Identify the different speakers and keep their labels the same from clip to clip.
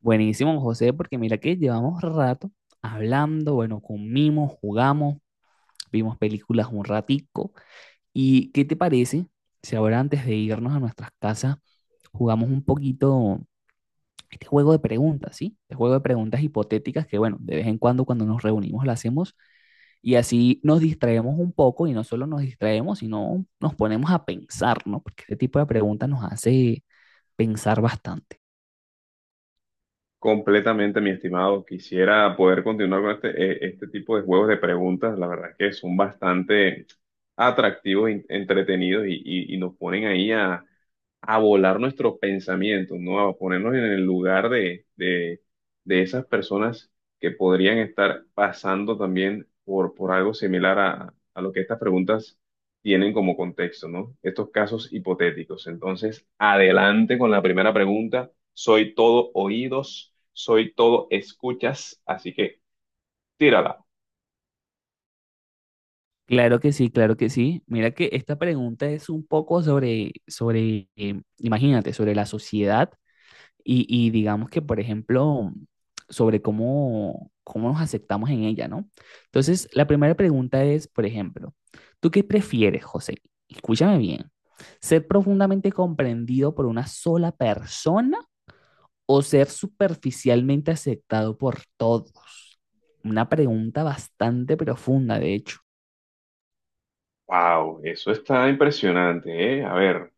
Speaker 1: Buenísimo, José, porque mira que llevamos rato hablando, bueno, comimos, jugamos, vimos películas un ratico. ¿Y qué te parece si ahora antes de irnos a nuestras casas jugamos un poquito este juego de preguntas? ¿Sí? Este juego de preguntas hipotéticas que, bueno, de vez en cuando nos reunimos lo hacemos y así nos distraemos un poco y no solo nos distraemos, sino nos ponemos a pensar, ¿no? Porque este tipo de preguntas nos hace pensar bastante.
Speaker 2: Completamente, mi estimado. Quisiera poder continuar con este tipo de juegos de preguntas. La verdad que son bastante atractivos, entretenidos y nos ponen ahí a volar nuestros pensamientos, ¿no? A ponernos en el lugar de esas personas que podrían estar pasando también por algo similar a lo que estas preguntas tienen como contexto, ¿no? Estos casos hipotéticos. Entonces, adelante con la primera pregunta. Soy todo oídos, soy todo escuchas, así que tírala.
Speaker 1: Claro que sí, claro que sí. Mira que esta pregunta es un poco imagínate, sobre la sociedad y digamos que, por ejemplo, sobre cómo nos aceptamos en ella, ¿no? Entonces, la primera pregunta es, por ejemplo, ¿tú qué prefieres, José? Escúchame bien. ¿Ser profundamente comprendido por una sola persona o ser superficialmente aceptado por todos? Una pregunta bastante profunda, de hecho.
Speaker 2: Wow, eso está impresionante, ¿eh? A ver.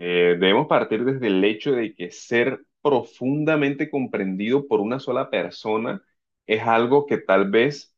Speaker 2: Debemos partir desde el hecho de que ser profundamente comprendido por una sola persona es algo que tal vez,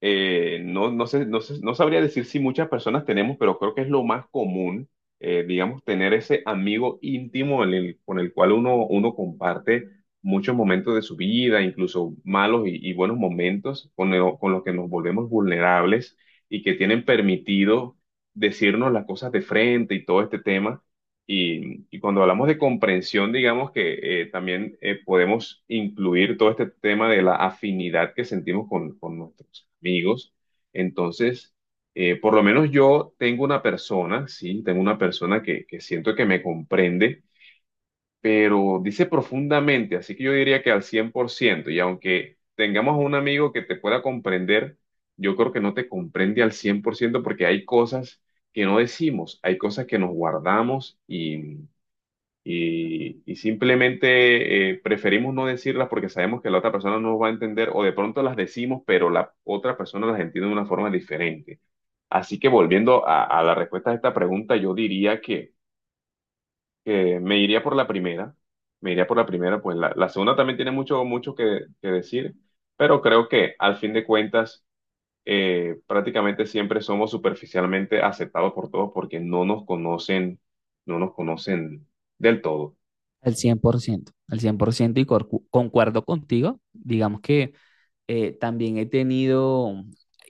Speaker 2: no sabría decir si muchas personas tenemos, pero creo que es lo más común, digamos, tener ese amigo íntimo con el cual uno comparte muchos momentos de su vida, incluso malos y buenos momentos, con los que nos volvemos vulnerables y que tienen permitido decirnos las cosas de frente y todo este tema y cuando hablamos de comprensión, digamos que también podemos incluir todo este tema de la afinidad que sentimos con nuestros amigos. Entonces, por lo menos yo tengo una persona, sí, tengo una persona que siento que me comprende, pero dice profundamente, así que yo diría que al 100% y aunque tengamos un amigo que te pueda comprender, yo creo que no te comprende al 100% porque hay cosas que no decimos, hay cosas que nos guardamos y simplemente preferimos no decirlas porque sabemos que la otra persona no nos va a entender o de pronto las decimos, pero la otra persona las entiende de una forma diferente. Así que volviendo a la respuesta a esta pregunta, yo diría que me iría por la primera, me iría por la primera, pues la segunda también tiene mucho, mucho que decir, pero creo que al fin de cuentas, prácticamente siempre somos superficialmente aceptados por todos porque no nos conocen, no nos conocen del todo.
Speaker 1: Al 100%, al 100% y concuerdo contigo. Digamos que también he tenido,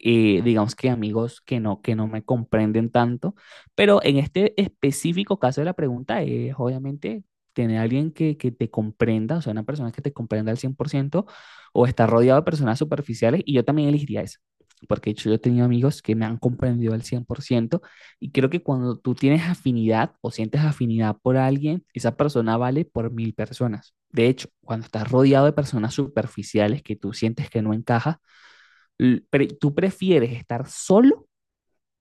Speaker 1: digamos que amigos que no me comprenden tanto, pero en este específico caso de la pregunta es obviamente tener a alguien que te comprenda, o sea, una persona que te comprenda al 100%, o estar rodeado de personas superficiales y yo también elegiría eso, porque de hecho yo he tenido amigos que me han comprendido al 100%. Y creo que cuando tú tienes afinidad o sientes afinidad por alguien, esa persona vale por 1.000 personas. De hecho, cuando estás rodeado de personas superficiales que tú sientes que no encaja, tú prefieres estar solo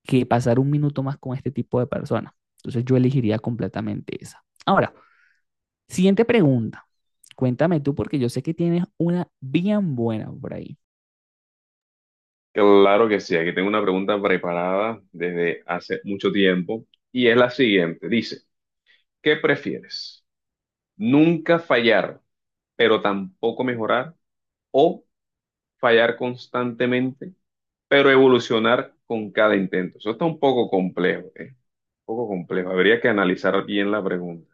Speaker 1: que pasar un minuto más con este tipo de personas. Entonces yo elegiría completamente esa. Ahora, siguiente pregunta. Cuéntame tú porque yo sé que tienes una bien buena por ahí.
Speaker 2: Claro que sí, aquí tengo una pregunta preparada desde hace mucho tiempo y es la siguiente. Dice, ¿qué prefieres? ¿Nunca fallar, pero tampoco mejorar? ¿O fallar constantemente, pero evolucionar con cada intento? Eso está un poco complejo, ¿eh? Un poco complejo. Habría que analizar bien la pregunta.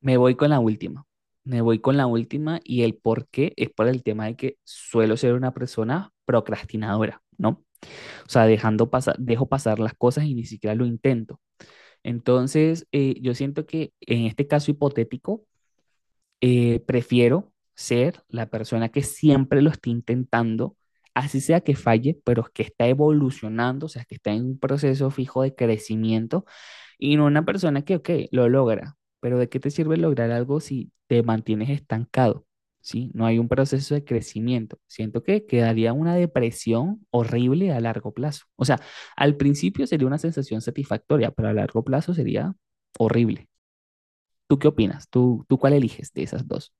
Speaker 1: Me voy con la última. Me voy con la última y el por qué es por el tema de que suelo ser una persona procrastinadora, ¿no? O sea, dejando pasar, dejo pasar las cosas y ni siquiera lo intento. Entonces, yo siento que en este caso hipotético, prefiero ser la persona que siempre lo esté intentando, así sea que falle, pero que está evolucionando, o sea, que está en un proceso fijo de crecimiento y no una persona que, ok, lo logra, pero ¿de qué te sirve lograr algo si te mantienes estancado? ¿Sí? No hay un proceso de crecimiento. Siento que quedaría una depresión horrible a largo plazo. O sea, al principio sería una sensación satisfactoria, pero a largo plazo sería horrible. ¿Tú qué opinas? ¿Tú cuál eliges de esas dos?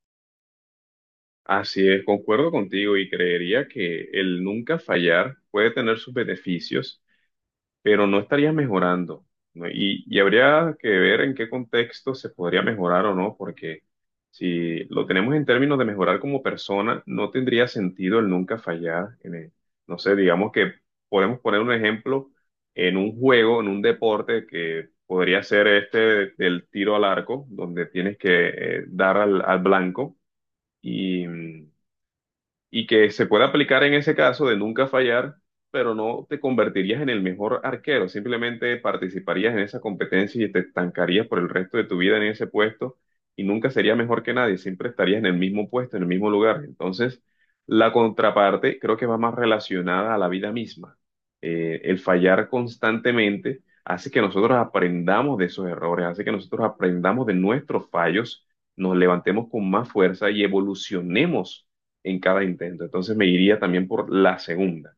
Speaker 2: Así es, concuerdo contigo y creería que el nunca fallar puede tener sus beneficios pero no estaría mejorando, ¿no? Y habría que ver en qué contexto se podría mejorar o no, porque si lo tenemos en términos de mejorar como persona, no tendría sentido el nunca fallar. No sé, digamos que podemos poner un ejemplo en un juego, en un deporte que podría ser este del tiro al arco, donde tienes que dar al blanco. Y, mm, y que se puede aplicar en ese caso de nunca fallar, pero no te convertirías en el mejor arquero, simplemente participarías en esa competencia y te estancarías por el resto de tu vida en ese puesto y nunca serías mejor que nadie, siempre estarías en el mismo puesto, en el mismo lugar. Entonces, la contraparte creo que va más relacionada a la vida misma. El fallar constantemente hace que nosotros aprendamos de esos errores, hace que nosotros aprendamos de nuestros fallos, nos levantemos con más fuerza y evolucionemos en cada intento. Entonces me iría también por la segunda.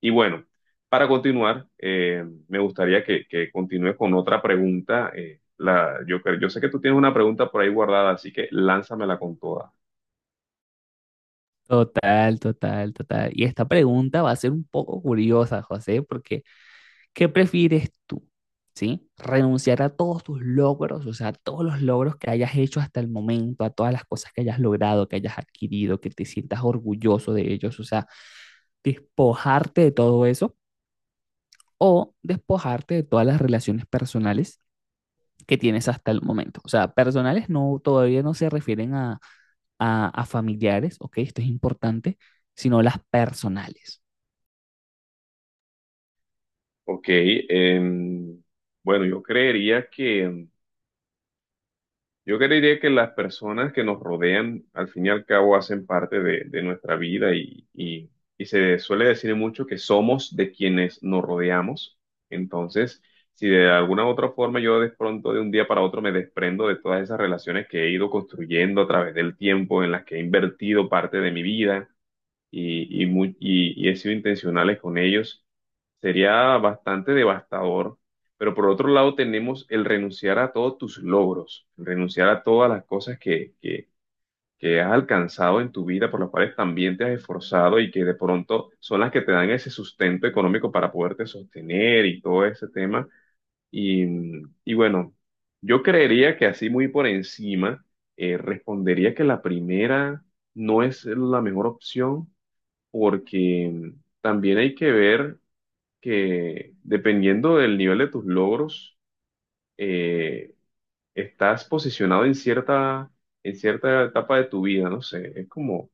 Speaker 2: Y bueno, para continuar, me gustaría que continúe con otra pregunta. Yo sé que tú tienes una pregunta por ahí guardada, así que lánzamela con toda.
Speaker 1: Total, total, total. Y esta pregunta va a ser un poco curiosa, José, porque ¿qué prefieres tú? ¿Sí? ¿Renunciar a todos tus logros, o sea, a todos los logros que hayas hecho hasta el momento, a todas las cosas que hayas logrado, que hayas adquirido, que te sientas orgulloso de ellos, o sea, despojarte de todo eso o despojarte de todas las relaciones personales que tienes hasta el momento? O sea, personales no, todavía no se refieren a, a familiares, ¿ok? Esto es importante, sino las personales.
Speaker 2: Ok, bueno, yo creería que las personas que nos rodean, al fin y al cabo, hacen parte de nuestra vida y se suele decir mucho que somos de quienes nos rodeamos. Entonces, si de alguna u otra forma yo de pronto de un día para otro me desprendo de todas esas relaciones que he ido construyendo a través del tiempo, en las que he invertido parte de mi vida, y he sido intencionales con ellos, sería bastante devastador. Pero por otro lado tenemos el renunciar a todos tus logros, el renunciar a todas las cosas que has alcanzado en tu vida, por las cuales también te has esforzado y que de pronto son las que te dan ese sustento económico para poderte sostener y todo ese tema. Y, y bueno, yo creería que así muy por encima, respondería que la primera no es la mejor opción porque también hay que ver que dependiendo del nivel de tus logros, eh, estás posicionado en cierta etapa de tu vida, no sé, es como,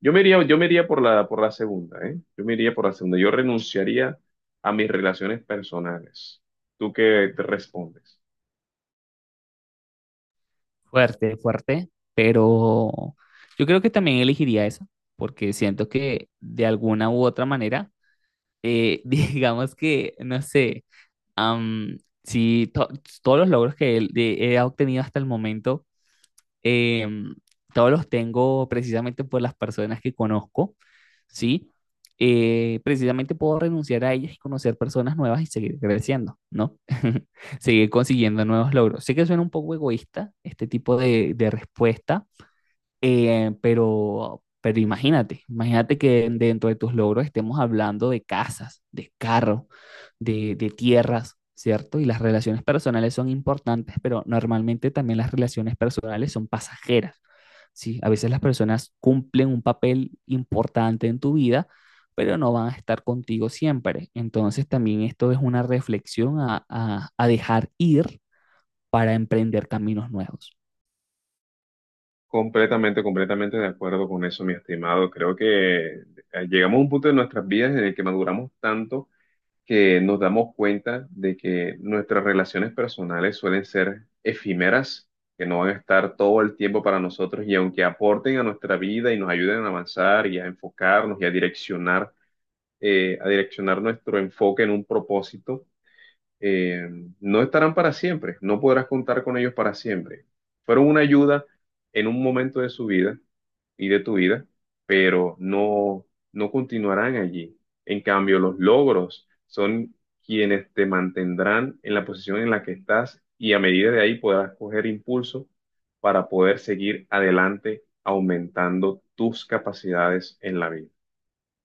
Speaker 2: yo me iría por la segunda, ¿eh? Yo me iría por la segunda, yo renunciaría a mis relaciones personales. ¿Tú qué te respondes?
Speaker 1: Fuerte, fuerte, pero yo creo que también elegiría esa, porque siento que de alguna u otra manera, digamos que, no sé, am, si to- todos los logros que he obtenido hasta el momento. Em, Todos los tengo precisamente por las personas que conozco, ¿sí? Precisamente puedo renunciar a ellas y conocer personas nuevas y seguir creciendo, ¿no? Seguir consiguiendo nuevos logros. Sé que suena un poco egoísta este tipo de respuesta, pero, imagínate, imagínate que dentro de tus logros estemos hablando de casas, de carros, de tierras, ¿cierto? Y las relaciones personales son importantes, pero normalmente también las relaciones personales son pasajeras, ¿sí? A veces las personas cumplen un papel importante en tu vida, pero no van a estar contigo siempre. Entonces también esto es una reflexión a, a dejar ir para emprender caminos nuevos.
Speaker 2: Completamente, completamente de acuerdo con eso, mi estimado. Creo que llegamos a un punto de nuestras vidas en el que maduramos tanto que nos damos cuenta de que nuestras relaciones personales suelen ser efímeras, que no van a estar todo el tiempo para nosotros y aunque aporten a nuestra vida y nos ayuden a avanzar y a enfocarnos y a direccionar, nuestro enfoque en un propósito. Eh, no estarán para siempre, no podrás contar con ellos para siempre. Fueron una ayuda en un momento de su vida y de tu vida, pero no continuarán allí. En cambio, los logros son quienes te mantendrán en la posición en la que estás y a medida de ahí podrás coger impulso para poder seguir adelante aumentando tus capacidades en la vida.